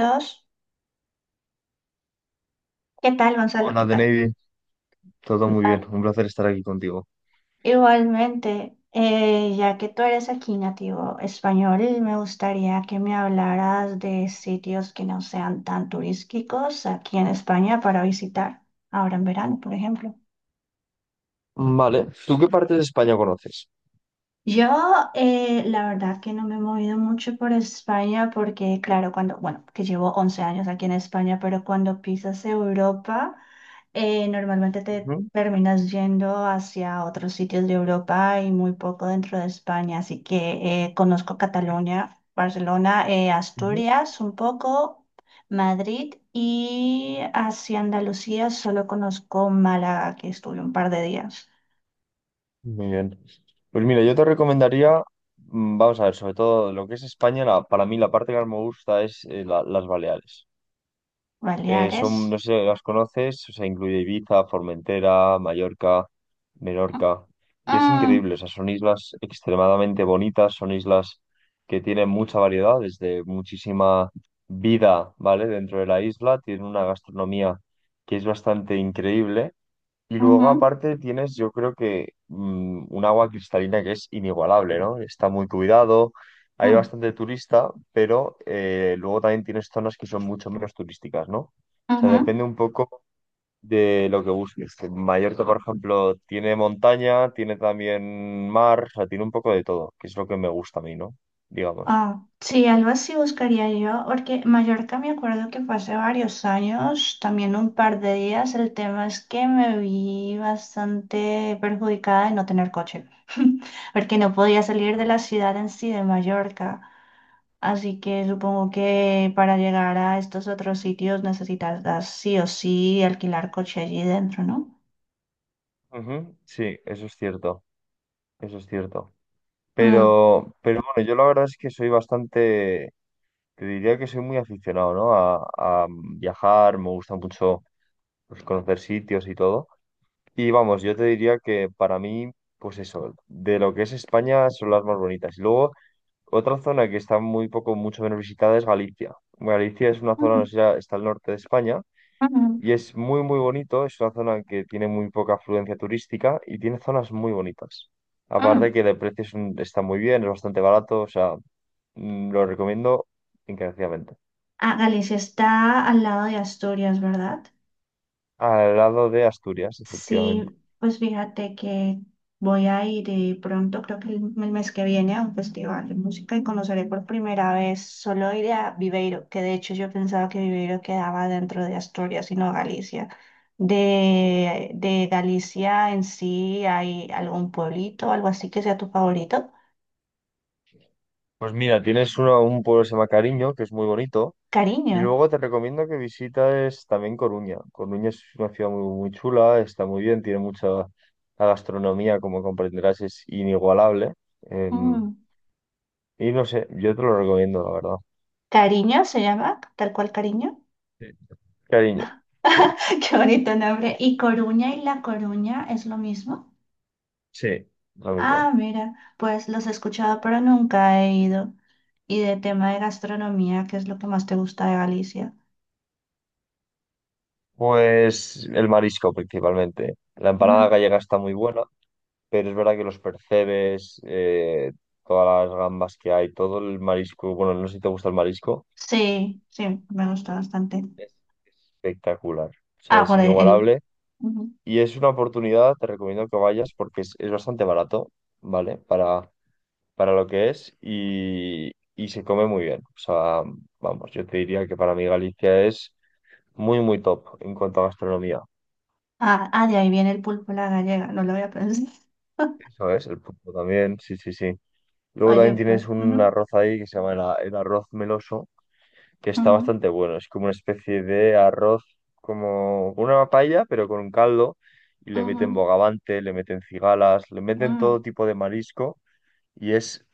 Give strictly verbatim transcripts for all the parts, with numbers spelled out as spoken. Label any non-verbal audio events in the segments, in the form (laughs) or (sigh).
Dos, ¿qué tal, Gonzalo? ¿Qué Hola, The tal? Navy. Todo muy bien. Un placer estar aquí contigo. Igualmente, eh, ya que tú eres aquí nativo español, me gustaría que me hablaras de sitios que no sean tan turísticos aquí en España para visitar ahora en verano, por ejemplo. Vale, ¿tú qué parte de España conoces? Yo, eh, la verdad que no me he movido mucho por España porque, claro, cuando, bueno, que llevo once años aquí en España, pero cuando pisas Europa... eh, normalmente te Ujú, terminas yendo hacia otros sitios de Europa y muy poco dentro de España, así que eh, conozco Cataluña, Barcelona, eh, ujú. Asturias un poco, Madrid y hacia Andalucía solo conozco Málaga, que estuve un par de días, Muy bien. Pues mira, yo te recomendaría, mm, vamos a ver, sobre todo lo que es España, la- para mí la parte que más me gusta es eh, la- las Baleares. Eh, Baleares. son, no sé si las conoces, o sea, incluye Ibiza, Formentera, Mallorca, Menorca. Y es Mm, increíble, o sea, son islas extremadamente bonitas, son islas que tienen mucha variedad, desde muchísima vida, ¿vale? Dentro de la isla, tienen una gastronomía que es bastante increíble y mm, ujú, luego aparte tienes, yo creo que mm, un agua cristalina que es inigualable, ¿no? Está muy cuidado, hay mm, bastante turista, pero eh, luego también tienes zonas que son mucho menos turísticas, ¿no? O sea, ujú. depende un poco de lo que busques. Que Mallorca, por ejemplo, tiene montaña, tiene también mar, o sea, tiene un poco de todo, que es lo que me gusta a mí, ¿no? Digamos. Ah, sí, algo así buscaría yo, porque Mallorca me acuerdo que fue hace varios años, también un par de días. El tema es que me vi bastante perjudicada de no tener coche, (laughs) porque no podía salir de la ciudad en sí de Mallorca. Así que supongo que para llegar a estos otros sitios necesitas sí o sí alquilar coche allí dentro, ¿no? Ujú, sí, eso es cierto, eso es cierto. Mm. Pero, pero bueno, yo la verdad es que soy bastante. Te diría que soy muy aficionado, ¿no? A, a viajar, me gusta mucho pues, conocer sitios y todo. Y vamos, yo te diría que para mí, pues eso, de lo que es España son las más bonitas. Y luego, otra zona que está muy poco, mucho menos visitada es Galicia. Galicia es una zona, no Mm, sé, ya está al norte de España mm, y es muy, muy bonito. Es una zona que tiene muy poca afluencia turística y tiene zonas muy bonitas. Aparte mm. que de precio es un- está muy bien, es bastante barato, o sea, mm, lo recomiendo encarecidamente. Ah, Galicia está al lado de Asturias, ¿verdad? Al lado de Asturias, efectivamente. Sí, pues fíjate que voy a ir eh, pronto, creo que el, el mes que viene, a un festival de música y conoceré por primera vez, solo iré a Viveiro, que de hecho yo pensaba que Viveiro quedaba dentro de Asturias y no Galicia. De, de Galicia en sí, ¿hay algún pueblito, algo así que sea tu favorito? Pues mira, tienes uno, un pueblo que se llama Cariño, que es muy bonito. Y Cariño. luego te recomiendo que visites también Coruña. Coruña es una ciudad muy, muy chula, está muy bien, tiene mucha la gastronomía, como comprenderás, es inigualable. Em, Mm. y no sé, yo te lo recomiendo, la verdad. ¿Cariño se llama? ¿Tal cual Cariño? Sí. Cariño. Sí, (laughs) Qué bonito nombre. ¿Y Coruña y La Coruña es lo mismo? sí, lo Ah, mismo. mira, pues los he escuchado, pero nunca he ido. Y de tema de gastronomía, ¿qué es lo que más te gusta de Galicia? Pues el marisco principalmente. La empanada Mm, gallega está muy buena. Pero es verdad que los percebes, eh, todas las gambas que hay, todo el marisco, bueno, no sé si te gusta el marisco, sí, sí, me gusta bastante. es espectacular, o sea, Ah, es por el... el- inigualable ujú. y es una oportunidad, te recomiendo que vayas porque es, es bastante barato, ¿vale? Para, para lo que es y, y se come muy bien, o sea, vamos, yo te diría que para mí Galicia es muy, muy top en cuanto a gastronomía, Ah, ah, de ahí viene el pulpo a la gallega, no lo había pensado. eso es, el punto también, sí, sí, sí. (laughs) Luego Oye, también tienes pues... un ujú, arroz ahí que se llama el a- el arroz meloso que está ujú, bastante bueno. Es como una especie de arroz, como una paella, pero con un caldo. Y le meten ujú, bogavante, le meten cigalas, le meten mm. todo tipo de marisco. Y es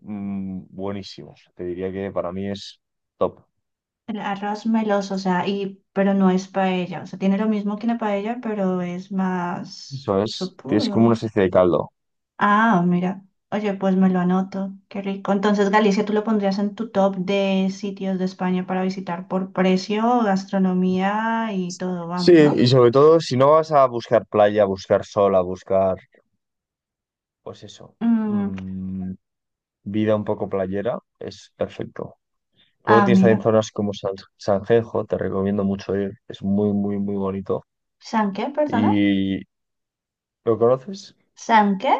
mm, buenísimo. Te diría que para mí es top. El arroz meloso, o sea, y, pero no es paella, o sea, tiene lo mismo que la paella, pero es más Eso es, es como una supudo. especie de caldo. Ah, mira. Oye, pues me lo anoto. Qué rico. Entonces, Galicia, ¿tú lo pondrías en tu top de sitios de España para visitar por precio, gastronomía y todo? Sí, Vamos, ¿no? y sobre todo si no vas a buscar playa, a buscar sol, a buscar, pues eso, Mm, mm, vida un poco playera, es perfecto. Luego ah, tienes también mira. zonas como San, Sanjenjo, te recomiendo mucho ir, es muy, muy, muy bonito. ¿San qué, perdona? ¿Y lo conoces? ¿San qué?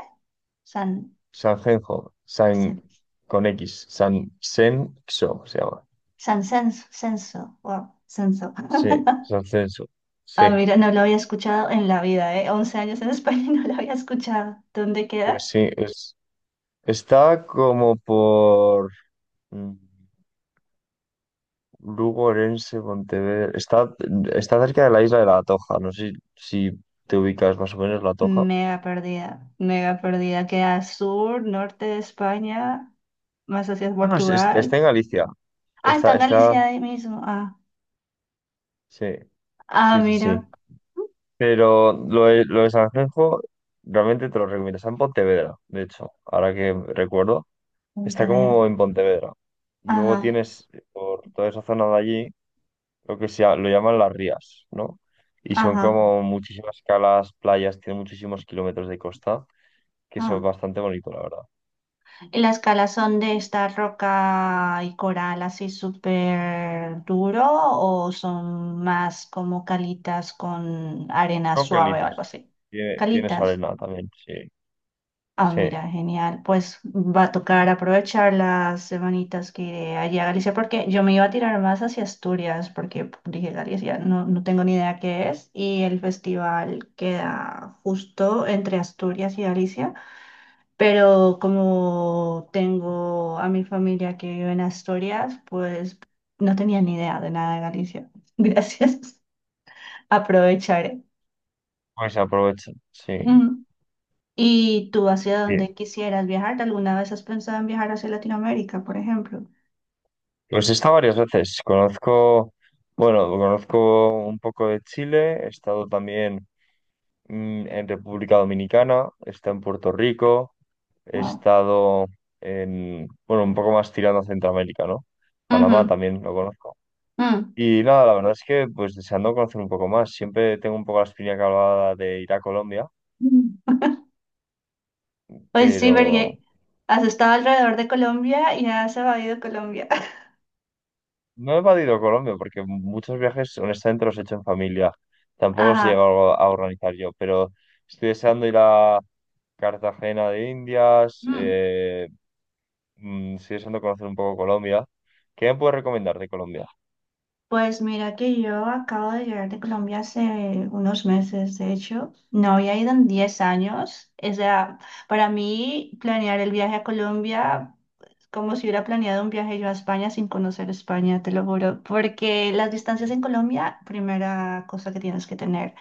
San, Sanjenjo, San San, con X, San Xenxo se llama. San Censo. Censo. Wow, Censo. Sí, (laughs) Sanjenjo, sí. Ah, mira, no lo había escuchado en la vida, ¿eh? once años en (laughs) España y no lo había escuchado. ¿Dónde Pues queda? sí, es, está como por mm, Lugo, Orense, Pontevedra. Está, está cerca de la isla de La Toja, no sé si, si te ubicas más o menos La Toja. Mega perdida, mega perdida. Queda sur, norte de España. Más hacia Ah, no, es- es- Portugal. está en Galicia. Ah, está Está, en está, Galicia ahí mismo. Ah, sí, ah, sí, sí, mira, sí. Pero lo de, lo de Sanjenjo realmente te lo recomiendo. Está en Pontevedra, de hecho, ahora que recuerdo. Está Pontevedra. como en Pontevedra. Y luego Ajá, tienes por toda esa zona de allí lo que sea, lo llaman las Rías, ¿no? Y son ajá. como muchísimas calas, playas, tiene muchísimos kilómetros de costa, que eso es Ah. bastante bonito, la verdad. Y las calas son de esta roca y coral así súper duro o son más como calitas con arena Son suave o algo calitas. así. Tiene, tienes Calitas. arena también, sí. Ah, Sí, mira, genial. Pues va a tocar aprovechar las semanitas que iré allí a Galicia, porque yo me iba a tirar más hacia Asturias, porque dije Galicia, no, no tengo ni idea qué es, y el festival queda justo entre Asturias y Galicia, pero como tengo a mi familia que vive en Asturias, pues no tenía ni idea de nada de Galicia. (laughs) Gracias, aprovecharé. pues aprovecha, sí. Ujú. ¿Y tú hacia Sí. dónde quisieras viajar? ¿Alguna vez has pensado en viajar hacia Latinoamérica, por ejemplo? Pues he estado varias veces. Conozco, bueno, conozco un poco de Chile, he estado también mm, en República Dominicana, he estado en Puerto Rico, he Wow. estado en, bueno, un poco más tirando a Centroamérica, ¿no? Panamá Ujú, también lo conozco. mm. Y nada, la verdad es que pues deseando conocer un poco más. Siempre tengo un poco la espina clavada de ir a Colombia, Mm. Pues sí, pero porque has estado alrededor de Colombia y has evadido Colombia. (laughs) no he evadido Colombia porque muchos viajes, honestamente, los he hecho en familia. Tampoco os he Ajá. llegado a organizar yo, pero estoy deseando ir a Cartagena de Indias, Mm. eh, mm, estoy deseando conocer un poco Colombia. ¿Qué me puedes recomendar de Colombia? Pues mira que yo acabo de llegar de Colombia hace unos meses, de hecho. No había ido en diez años. O sea, para mí planear el viaje a Colombia como si hubiera planeado un viaje yo a España sin conocer España, te lo juro, porque las distancias en Colombia, primera cosa que tienes que tener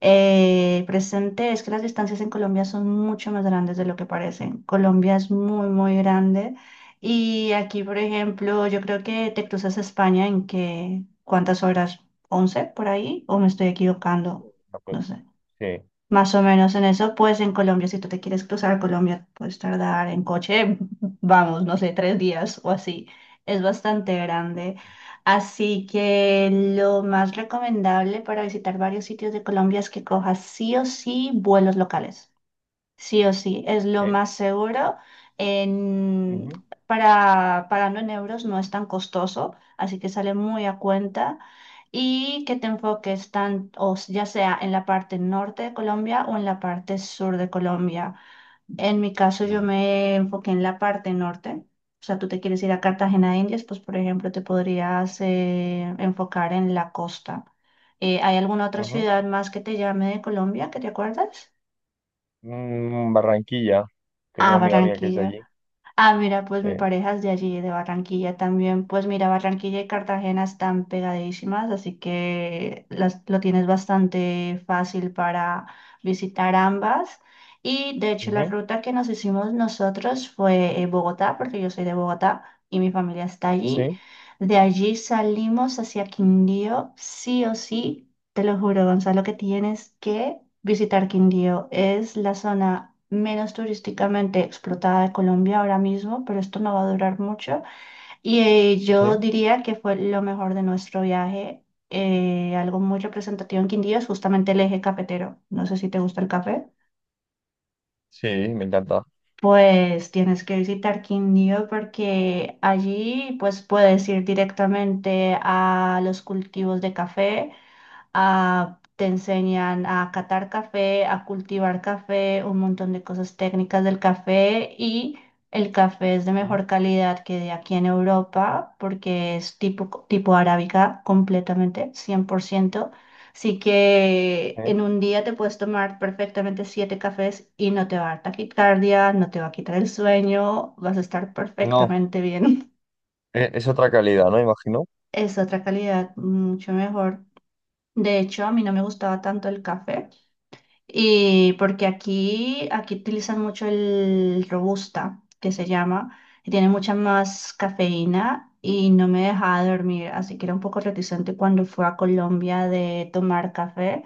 eh, presente es que las distancias en Colombia son mucho más grandes de lo que parecen. Colombia es muy, muy grande y aquí, por ejemplo, yo creo que te cruzas a España en que, ¿cuántas horas? ¿Once por ahí? ¿O me estoy equivocando? Ah, pues, No sé. sí, Más o menos en eso, pues en Colombia, si tú te quieres cruzar a Colombia, puedes tardar en coche, (laughs) vamos, no sé, tres días o así. Es bastante grande. Así que lo más recomendable para visitar varios sitios de Colombia es que cojas sí o sí vuelos locales. Sí o sí, es lo sí. más seguro. En- Ujú, para pagando en euros no es tan costoso, así que sale muy a cuenta. Y que te enfoques tan, o s- ya sea en la parte norte de Colombia o en la parte sur de Colombia. En mi caso, yo no, me enfoqué en la parte norte. O sea, tú te quieres ir a Cartagena de Indias, pues por ejemplo, te podrías eh, enfocar en la costa. Eh, ¿hay alguna otra ujú. ciudad más que te llame de Colombia que te acuerdas? Mm, Barranquilla, tengo Ah, una amiga mía que es de Barranquilla. allí. Ah, mira, pues Sí, mi pareja es de allí, de Barranquilla también. Pues mira, Barranquilla y Cartagena están pegadísimas, así que las, lo tienes bastante fácil para visitar ambas. Y de hecho, la ujú, ruta que nos hicimos nosotros fue eh, Bogotá, porque yo soy de Bogotá y mi familia está allí. sí, De allí salimos hacia Quindío, sí o sí. Te lo juro, Gonzalo, que tienes que visitar Quindío. Es la zona menos turísticamente explotada de Colombia ahora mismo, pero esto no va a durar mucho. Y eh, sí, yo diría que fue lo mejor de nuestro viaje. Eh, algo muy representativo en Quindío es justamente el eje cafetero. No sé si te gusta el café. sí, me encanta. Pues tienes que visitar Quindío porque allí pues puedes ir directamente a los cultivos de café. Ah, te enseñan a catar café, a cultivar café, un montón de cosas técnicas del café y el café es de mejor Sí, calidad que de aquí en Europa porque es tipo, tipo arábica completamente, cien por ciento. Así que sí. en un día te puedes tomar perfectamente siete cafés y no te va a dar taquicardia, no te va a quitar el sueño, vas a estar No, perfectamente bien. e- es otra calidad, ¿no? Imagino. (laughs) Es otra calidad mucho mejor. De hecho, a mí no me gustaba tanto el café y porque aquí, aquí utilizan mucho el robusta, que se llama, y tiene mucha más cafeína y no me dejaba dormir, así que era un poco reticente cuando fui a Colombia de tomar café,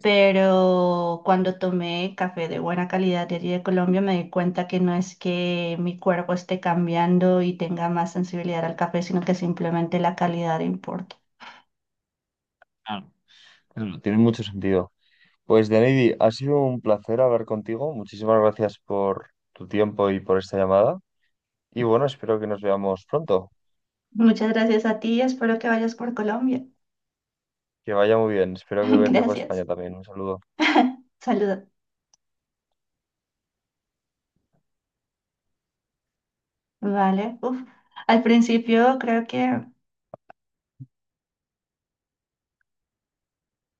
pero cuando tomé café de buena calidad de allí de Colombia me di cuenta que no es que mi cuerpo esté cambiando y tenga más sensibilidad al café, sino que simplemente la calidad importa. Claro, claro. Tiene mucho sentido. Pues, Deneidi, ha sido un placer hablar contigo. Muchísimas gracias por tu tiempo y por esta llamada. Y bueno, espero que nos veamos pronto. Muchas gracias a ti, espero que vayas por Colombia. Que vaya muy bien. Espero que (laughs) verte por Gracias. España también. Un saludo. Saludos. Vale. Uf. Al principio creo que